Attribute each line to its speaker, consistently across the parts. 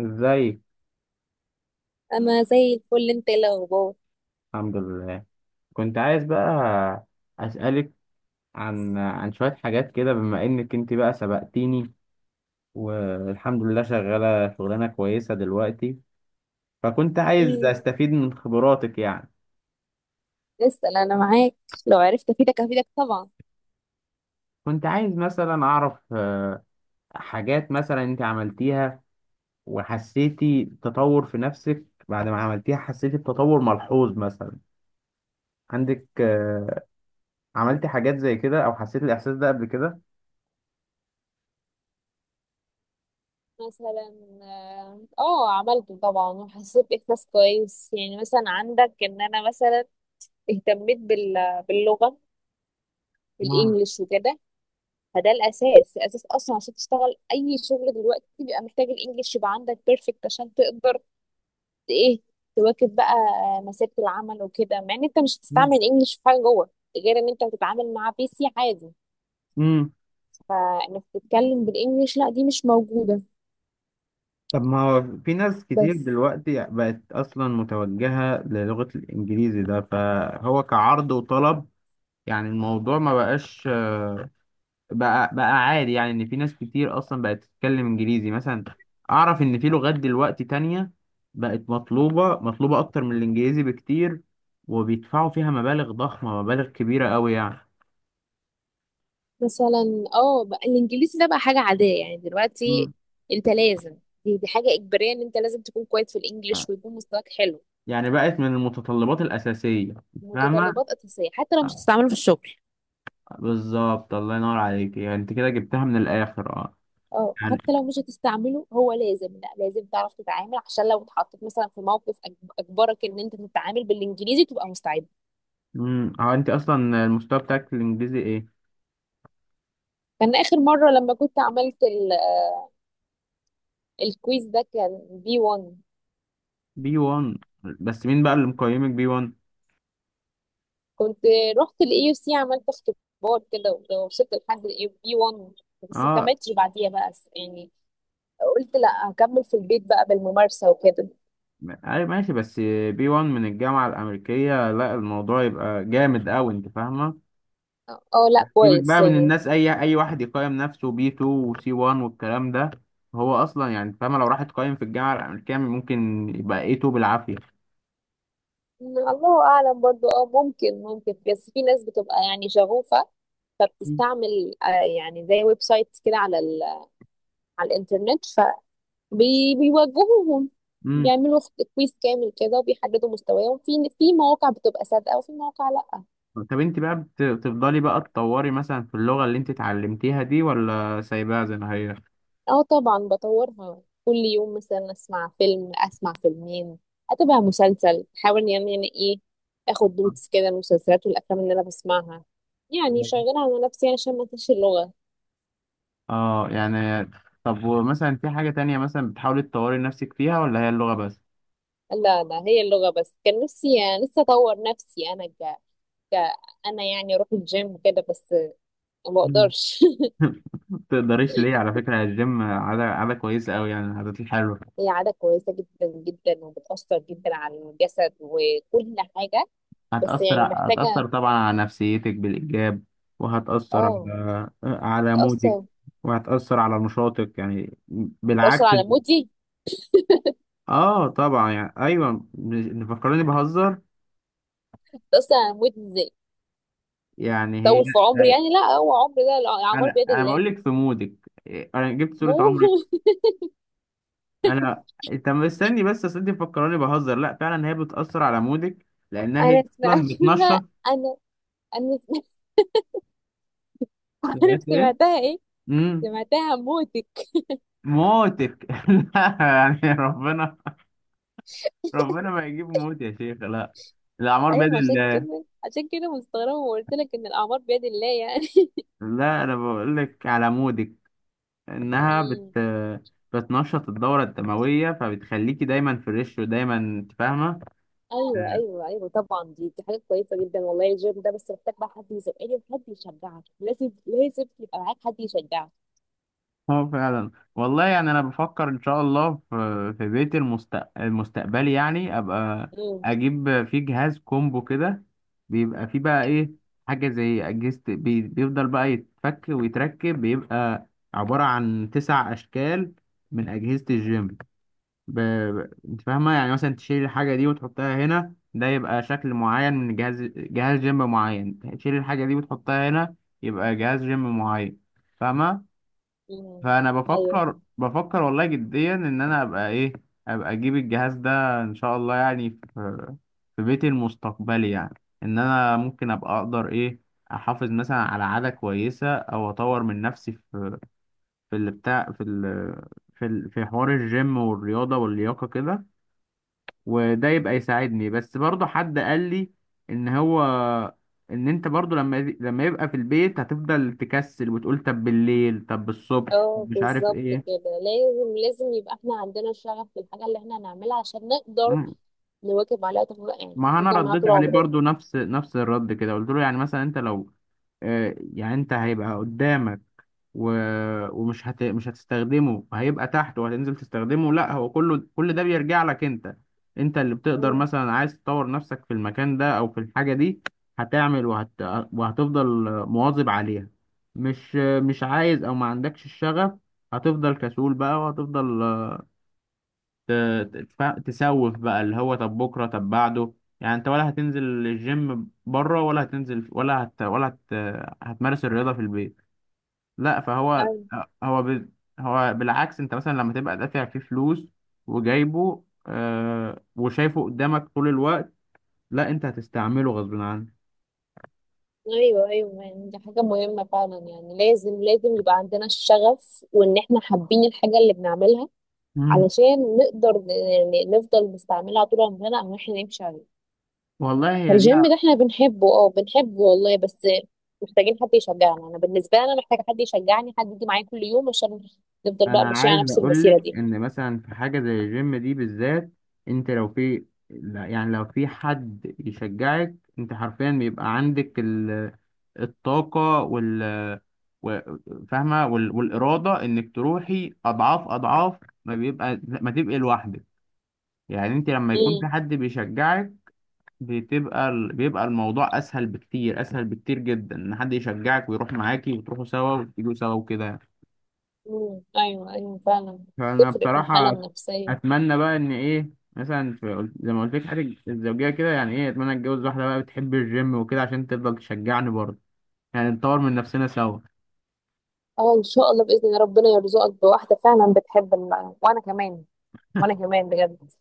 Speaker 1: ازيك؟
Speaker 2: انا زي الفل. انت إيه الاخبار؟
Speaker 1: الحمد لله. كنت عايز بقى اسالك عن شويه حاجات كده، بما انك انت بقى سبقتيني، والحمد لله شغاله شغلانه كويسه دلوقتي، فكنت عايز
Speaker 2: امم.
Speaker 1: استفيد من خبراتك يعني.
Speaker 2: اسال، انا معاك. لو عرفت افيدك افيدك طبعا.
Speaker 1: كنت عايز مثلا اعرف حاجات مثلا انت عملتيها وحسيتي تطور في نفسك، بعد ما عملتيها حسيتي بتطور ملحوظ مثلا عندك، عملتي حاجات زي كده او حسيت الاحساس ده قبل كده؟
Speaker 2: مثلا عملته طبعا وحسيت باحساس كويس. يعني مثلا عندك ان انا مثلا اهتميت باللغه،
Speaker 1: آه.
Speaker 2: بالانجلش وكده. فده الاساس اصلا، عشان تشتغل اي شغل دلوقتي بيبقى محتاج الانجلش، يبقى عندك بيرفكت عشان تقدر ت- ايه تواكب بقى مسيره العمل وكده. مع ان انت مش
Speaker 1: مم.
Speaker 2: هتستعمل الانجلش في حاجه جوه، غير ان انت هتتعامل مع بي سي عادي.
Speaker 1: مم.
Speaker 2: فانك تتكلم بالانجليش لا، دي مش موجوده.
Speaker 1: طب ما هو في ناس كتير
Speaker 2: بس
Speaker 1: دلوقتي بقت أصلا متوجهة للغة الإنجليزي ده، فهو كعرض وطلب يعني. الموضوع ما بقاش بقى عادي، يعني إن في ناس كتير أصلا بقت تتكلم إنجليزي مثلا. أعرف إن في لغات دلوقتي تانية بقت مطلوبة مطلوبة أكتر من الإنجليزي بكتير، وبيدفعوا فيها مبالغ ضخمة، مبالغ كبيرة أوي يعني.
Speaker 2: مثلا اه، بقى الانجليزي ده بقى حاجه عاديه يعني دلوقتي.
Speaker 1: مم.
Speaker 2: انت لازم، دي حاجه اجباريه ان انت لازم تكون كويس في الانجليش ويكون مستواك حلو.
Speaker 1: يعني بقت من المتطلبات الأساسية. فاهمة.
Speaker 2: متطلبات اساسيه، حتى لو مش هتستعمله في الشغل.
Speaker 1: بالظبط، الله ينور عليك، يعني انت كده جبتها من الاخر، اه.
Speaker 2: اه،
Speaker 1: يعني
Speaker 2: حتى لو مش هتستعمله هو لازم، لا لازم تعرف تتعامل عشان لو اتحطيت مثلا في موقف اجبرك ان انت تتعامل بالانجليزي تبقى مستعد.
Speaker 1: هو انت اصلا المستوى بتاعك في الانجليزي ايه؟
Speaker 2: كان اخر مره لما كنت عملت الكويز ده كان بي 1.
Speaker 1: بي 1؟ بس مين بقى اللي مقيمك بي 1؟
Speaker 2: كنت رحت الاي يو سي، عملت اختبار كده ووصلت لحد الاي بي 1. بس ما
Speaker 1: اه.
Speaker 2: كملتش بعديها بقى، يعني قلت لا، هكمل في البيت بقى بالممارسة وكده.
Speaker 1: اي ماشي، بس بي 1 من الجامعة الامريكية؟ لا الموضوع يبقى جامد قوي، انت فاهمة.
Speaker 2: اه لا
Speaker 1: سيبك
Speaker 2: كويس
Speaker 1: بقى من
Speaker 2: يعني.
Speaker 1: الناس، اي واحد يقيم نفسه بي 2 وسي 1 والكلام ده، هو اصلا يعني فاهمة، لو راح تقيم في الجامعة الامريكية ممكن يبقى اي 2 بالعافية.
Speaker 2: الله اعلم برضو. اه، ممكن ممكن، بس في ناس بتبقى يعني شغوفة، فبتستعمل يعني زي ويب سايت كده على الانترنت فبيوجهوهم.
Speaker 1: مم.
Speaker 2: بيعملوا كويس كامل كده وبيحددوا مستواهم في مواقع بتبقى صادقة وفي مواقع لا.
Speaker 1: طب انت بقى بتفضلي بقى تطوري مثلا في اللغة اللي انت اتعلمتيها دي، ولا سايباها زي ما هي؟
Speaker 2: اه طبعا بطورها كل يوم، مثلا اسمع فيلم، اسمع فيلمين، اتابع مسلسل، احاول يعني ايه، اخد نوتس كده من المسلسلات والافلام اللي انا بسمعها. يعني شغاله على نفسي عشان ما انساش اللغه.
Speaker 1: اه يعني. طب ومثلا في حاجة تانية مثلا بتحاولي تطوري نفسك فيها، ولا هي اللغة بس؟
Speaker 2: لا، هي اللغه بس. كان نفسي لسه اطور نفسي انا ك... انا يعني اروح الجيم كده بس ما
Speaker 1: مم.
Speaker 2: بقدرش.
Speaker 1: ما تقدريش ليه؟ على فكرة الجيم عادة عادة كويسة أوي، يعني العادات الحلوة
Speaker 2: هي عاده كويسه جدا جدا وبتاثر جدا على الجسد وكل حاجه. بس
Speaker 1: هتأثر
Speaker 2: يعني
Speaker 1: هتأثر
Speaker 2: محتاجه.
Speaker 1: طبعا على نفسيتك بالإيجاب، وهتأثر
Speaker 2: اه،
Speaker 1: على مودك،
Speaker 2: تأثر،
Speaker 1: وهتأثر على نشاطك يعني،
Speaker 2: تأثر
Speaker 1: بالعكس.
Speaker 2: على مودي.
Speaker 1: اه طبعا، يعني أيوه، فكرني بهزر.
Speaker 2: ده اصلا انا هموت ازاي
Speaker 1: يعني هي
Speaker 2: طول في عمري؟
Speaker 1: هي
Speaker 2: يعني لا، هو عمري ده الاعمار
Speaker 1: انا
Speaker 2: بيد
Speaker 1: انا
Speaker 2: الله.
Speaker 1: بقول لك في مودك، إيه، انا جبت صورة عمرك.
Speaker 2: موت.
Speaker 1: انا، انت مستني، بس اصل انت مفكراني بهزر، لا فعلا هي بتأثر على مودك، لانها
Speaker 2: انا
Speaker 1: هي اصلا
Speaker 2: سمعتها.
Speaker 1: بتنشط.
Speaker 2: انا انا سمعت. عارف
Speaker 1: سمعت ايه؟
Speaker 2: سمعتها ايه؟
Speaker 1: امم
Speaker 2: سمعتها موتك.
Speaker 1: موتك لا، يعني ربنا ما يجيب موت يا شيخ، لا، الاعمار بيد
Speaker 2: ايوه، عشان
Speaker 1: الله.
Speaker 2: كده عشان كده مستغربه وقلت لك ان الاعمار بيد الله يعني.
Speaker 1: لا، انا بقول لك على مودك، انها
Speaker 2: مم.
Speaker 1: بتنشط الدورة الدموية، فبتخليكي دايما فريش، ودايما انت فاهمة.
Speaker 2: ايوه ايوه ايوه طبعا، دي حاجه كويسه جدا والله. الجيم ده بس محتاج بقى حد يزقني وحد يشجعك. لازم لازم يبقى معاك حد يشجعك.
Speaker 1: اه فعلا والله، يعني انا بفكر ان شاء الله في بيت المستقبلي، يعني ابقى
Speaker 2: امم.
Speaker 1: اجيب فيه جهاز كومبو كده، بيبقى فيه بقى ايه، حاجه زي اجهزه بيفضل بقى يتفك ويتركب، بيبقى عباره عن 9 اشكال من اجهزه الجيم، انت فاهمه؟ يعني مثلا تشيل الحاجه دي وتحطها هنا، ده يبقى شكل معين من جهاز جيم معين، تشيل الحاجه دي وتحطها هنا يبقى جهاز جيم معين، فاهمه.
Speaker 2: امم.
Speaker 1: فانا
Speaker 2: ايوه.
Speaker 1: بفكر والله جديا ان انا ابقى ايه، ابقى اجيب الجهاز ده ان شاء الله، يعني في بيتي المستقبلي، يعني ان انا ممكن ابقى اقدر ايه، احافظ مثلا على عادة كويسة، او اطور من نفسي في اللي بتاع في حوار الجيم والرياضة واللياقة كده. وده يبقى يساعدني، بس برضه حد قال لي ان هو، ان انت برضه لما يبقى في البيت هتفضل تكسل، وتقول طب بالليل طب بالصبح،
Speaker 2: اه
Speaker 1: مش عارف
Speaker 2: بالظبط
Speaker 1: ايه.
Speaker 2: كده. لازم لازم يبقى احنا عندنا شغف في الحاجة اللي احنا هنعملها عشان نقدر نواكب عليها طول، يعني
Speaker 1: ما انا
Speaker 2: نفضل معاها
Speaker 1: رديت
Speaker 2: طول
Speaker 1: عليه
Speaker 2: عمرنا.
Speaker 1: برضو نفس نفس الرد كده، قلت له يعني مثلا انت لو يعني انت هيبقى قدامك، و... ومش مش هتستخدمه؟ هيبقى تحت وهتنزل تستخدمه؟ لا، هو كله كل ده بيرجع لك انت، انت اللي بتقدر.
Speaker 2: مم.
Speaker 1: مثلا عايز تطور نفسك في المكان ده او في الحاجة دي، هتعمل وهتفضل مواظب عليها. مش عايز او ما عندكش الشغف، هتفضل كسول بقى، وهتفضل ت- تسوف بقى، اللي هو طب بكره طب بعده. يعني انت ولا هتنزل الجيم بره، ولا هتنزل ولا هت هتمارس الرياضه في البيت؟ لا، فهو،
Speaker 2: أيوة،
Speaker 1: هو ب... هو بالعكس، انت مثلا لما تبقى دافع فيه فلوس، وجايبه وشايفه قدامك طول الوقت، لا، انت هتستعمله غصب عنك.
Speaker 2: أيوة، أيوة، يعني دي حاجة مهمة فعلا. يعني لازم لازم يبقى عندنا الشغف وإن إحنا حابين الحاجة اللي بنعملها
Speaker 1: مم.
Speaker 2: علشان نقدر يعني نفضل نستعملها طول عمرنا أو إحنا نمشي عليه.
Speaker 1: والله هي دي.
Speaker 2: فالجيم ده إحنا بنحبه، أه بنحبه والله، بس محتاجين حد يشجعنا. أنا بالنسبة لي أنا محتاجة حد يشجعني، حد يجي معايا كل يوم عشان نفضل بقى
Speaker 1: انا
Speaker 2: ماشية على
Speaker 1: عايز
Speaker 2: نفس المسيرة
Speaker 1: اقولك
Speaker 2: دي.
Speaker 1: ان مثلا في حاجه زي الجيم دي بالذات، انت لو في، لا، يعني لو في حد يشجعك، انت حرفيا بيبقى عندك الطاقه و- فاهمه، والاراده انك تروحي اضعاف اضعاف ما بيبقى، ما تبقي لوحدك. يعني انت لما يكون في
Speaker 2: امم.
Speaker 1: حد بيشجعك، بيبقى الموضوع اسهل بكتير، اسهل بكتير جدا، ان حد يشجعك ويروح معاكي وتروحوا سوا وتيجوا سوا وكده.
Speaker 2: امم. ايوه ايوه فعلا.
Speaker 1: فانا
Speaker 2: تفرق في الحاله
Speaker 1: بصراحه
Speaker 2: النفسيه.
Speaker 1: اتمنى بقى ان ايه، مثلا في زي ما قلت لك حاجه الزوجيه كده، يعني ايه، اتمنى اتجوز واحده بقى بتحب الجيم وكده، عشان تفضل تشجعني برضه، يعني نطور من نفسنا سوا.
Speaker 2: اه ان شاء الله باذن الله ربنا يرزقك بواحده فعلا بتحب المعنى. وانا كمان، بجد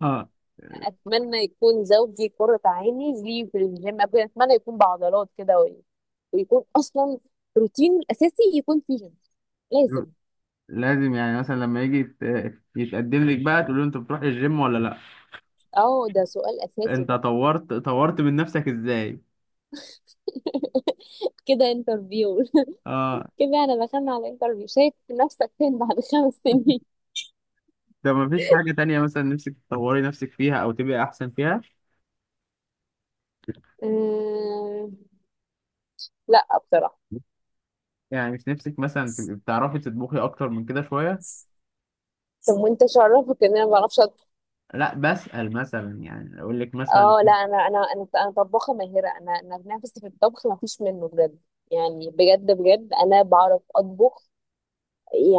Speaker 1: اه.
Speaker 2: اتمنى يكون زوجي قرة عيني ليه في الجيم. اتمنى يكون بعضلات كده ويكون اصلا روتين الاساسي يكون فيه جيم. لازم.
Speaker 1: لازم يعني مثلا لما يجي يتقدم لك بقى، تقول له انت بتروح الجيم ولا لا؟
Speaker 2: اه، ده سؤال اساسي
Speaker 1: انت
Speaker 2: ده.
Speaker 1: طورت من نفسك ازاي؟
Speaker 2: كده انترفيو.
Speaker 1: اه.
Speaker 2: كده انا دخلنا على الانترفيو. شايف نفسك فين بعد 5 سنين؟
Speaker 1: ده ما فيش حاجه تانية مثلا نفسك تطوري نفسك فيها او تبقي احسن فيها؟
Speaker 2: آه، لا بصراحه.
Speaker 1: يعني مش نفسك مثلا تبقي بتعرفي تطبخي اكتر من كده شويه؟
Speaker 2: طب وانت شرفك ان انا ما بعرفش اطبخ؟
Speaker 1: لا بسأل، مثلا يعني اقول لك مثلا.
Speaker 2: اه لا، انا طباخه ماهره. انا نفسي في الطبخ ما فيش منه بجد. يعني بجد بجد انا بعرف اطبخ.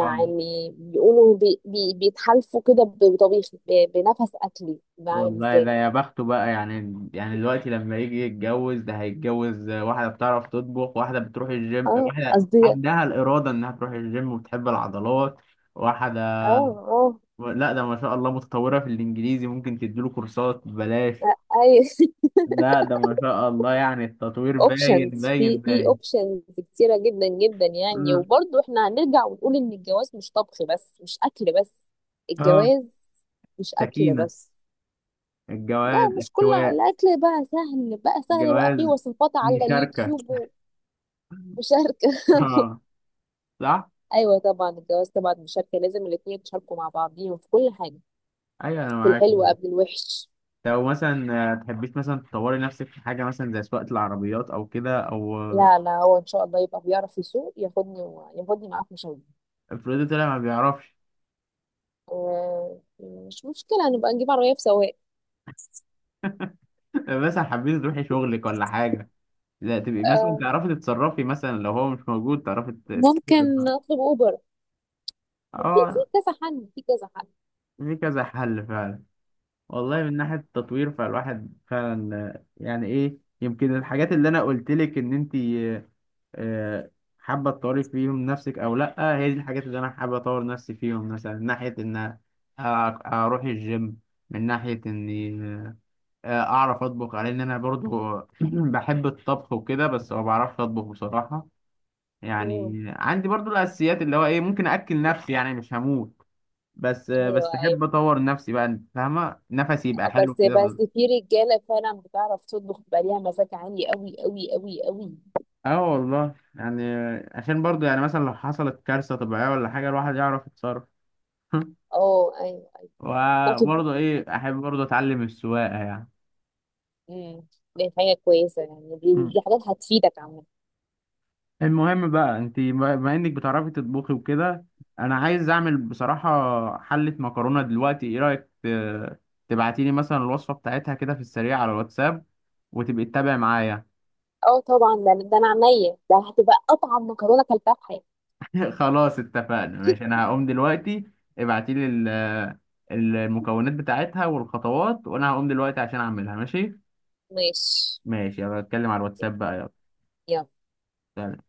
Speaker 1: آه.
Speaker 2: بيقولوا بي بي بيتحالفوا كده بطبيخي بنفس اكلي بعمل
Speaker 1: والله ده
Speaker 2: ازاي.
Speaker 1: يا بخته بقى، يعني دلوقتي لما يجي يتجوز، ده هيتجوز واحدة بتعرف تطبخ، واحدة بتروح الجيم،
Speaker 2: اه
Speaker 1: واحدة
Speaker 2: قصدي. اه
Speaker 1: عندها الإرادة إنها تروح الجيم وبتحب العضلات، واحدة،
Speaker 2: اه
Speaker 1: لا ده ما شاء الله متطورة في الإنجليزي، ممكن تديله كورسات ببلاش.
Speaker 2: آه، اي.
Speaker 1: لا ده ما شاء الله يعني التطوير باين
Speaker 2: اوبشنز،
Speaker 1: باين
Speaker 2: في
Speaker 1: باين.
Speaker 2: اوبشنز كتيره جدا جدا يعني.
Speaker 1: مم.
Speaker 2: وبرضه احنا هنرجع ونقول ان الجواز مش طبخ بس، مش اكل بس.
Speaker 1: اه.
Speaker 2: الجواز مش اكل
Speaker 1: سكينة.
Speaker 2: بس. لا،
Speaker 1: الجواز
Speaker 2: مش كل
Speaker 1: احتواء.
Speaker 2: الاكل. بقى سهل، بقى سهل بقى، فيه
Speaker 1: جواز
Speaker 2: وصفات على
Speaker 1: مشاركة.
Speaker 2: اليوتيوب. ومشاركه.
Speaker 1: اه. صح؟
Speaker 2: ايوه طبعا، الجواز طبعا مشاركه. لازم الاتنين يتشاركوا مع بعضيهم في كل حاجه.
Speaker 1: أيوه أنا
Speaker 2: في
Speaker 1: معاك.
Speaker 2: الحلو قبل الوحش.
Speaker 1: لو مثلا تحبيش مثلا تطوري نفسك في حاجة مثلا زي سواقة العربيات، أو كده، أو
Speaker 2: لا، لا، هو ان شاء الله يبقى بيعرف يسوق، ياخدني ياخدني معاه في مشاوير.
Speaker 1: افرضي طلع ما بيعرفش؟
Speaker 2: آه، مش مشكله، نبقى نجيب عربيه بسواق.
Speaker 1: مثلا حبيتي تروحي شغلك ولا حاجة، لا تبقي مثلا
Speaker 2: آه،
Speaker 1: تعرفي تتصرفي، مثلا لو هو مش موجود تعرفي تتصرفي.
Speaker 2: ممكن اطلب اوبر. في في
Speaker 1: اه.
Speaker 2: كذا حل، في كذا حل.
Speaker 1: في كذا حل فعلا. والله من ناحية التطوير، فالواحد فعلا يعني ايه، يمكن الحاجات اللي انا قلت لك ان انت آه، حابة تطوري فيهم نفسك أو لأ، هي دي الحاجات اللي أنا حابة أطور نفسي فيهم. مثلا من ناحية إن أ- أروح الجيم، من ناحية إني أعرف أطبخ، على إن أنا برضو بحب الطبخ وكده، بس ما بعرفش أطبخ بصراحة. يعني
Speaker 2: مم.
Speaker 1: عندي برضو الأساسيات، اللي هو إيه، ممكن أكل نفسي يعني، مش هموت. بس
Speaker 2: ايوه
Speaker 1: بس
Speaker 2: ايوه،
Speaker 1: أحب أطور نفسي بقى، أنت فاهمة، نفسي يبقى حلو
Speaker 2: بس
Speaker 1: كده.
Speaker 2: في رجاله فعلا بتعرف تطبخ بقى ليها مزاج عالي قوي قوي قوي قوي.
Speaker 1: اه والله يعني، عشان برضو يعني مثلا لو حصلت كارثة طبيعية ولا حاجة، الواحد يعرف يتصرف.
Speaker 2: اه ايوه. أيوة. ممكن.
Speaker 1: وبرضه ايه، احب برضه اتعلم السواقه يعني.
Speaker 2: مم. دي حاجه كويسه يعني، دي
Speaker 1: مم.
Speaker 2: دي حاجات هتفيدك عامه.
Speaker 1: المهم بقى، انت بما انك بتعرفي تطبخي وكده، انا عايز اعمل بصراحة حلة مكرونة دلوقتي، ايه رأيك تبعتيلي مثلا الوصفة بتاعتها كده في السريع على الواتساب، وتبقي تتابعي معايا؟
Speaker 2: اه طبعا، ده انا عينيا ده هتبقى اطعم مكرونه كلتها في حياتي.
Speaker 1: خلاص اتفقنا، ماشي، انا هقوم دلوقتي، ابعتيلي المكونات بتاعتها والخطوات، وانا هقوم دلوقتي عشان اعملها، ماشي.
Speaker 2: ماشي.
Speaker 1: ماشي، يلا، اتكلم على الواتساب بقى.
Speaker 2: يلا.
Speaker 1: يلا.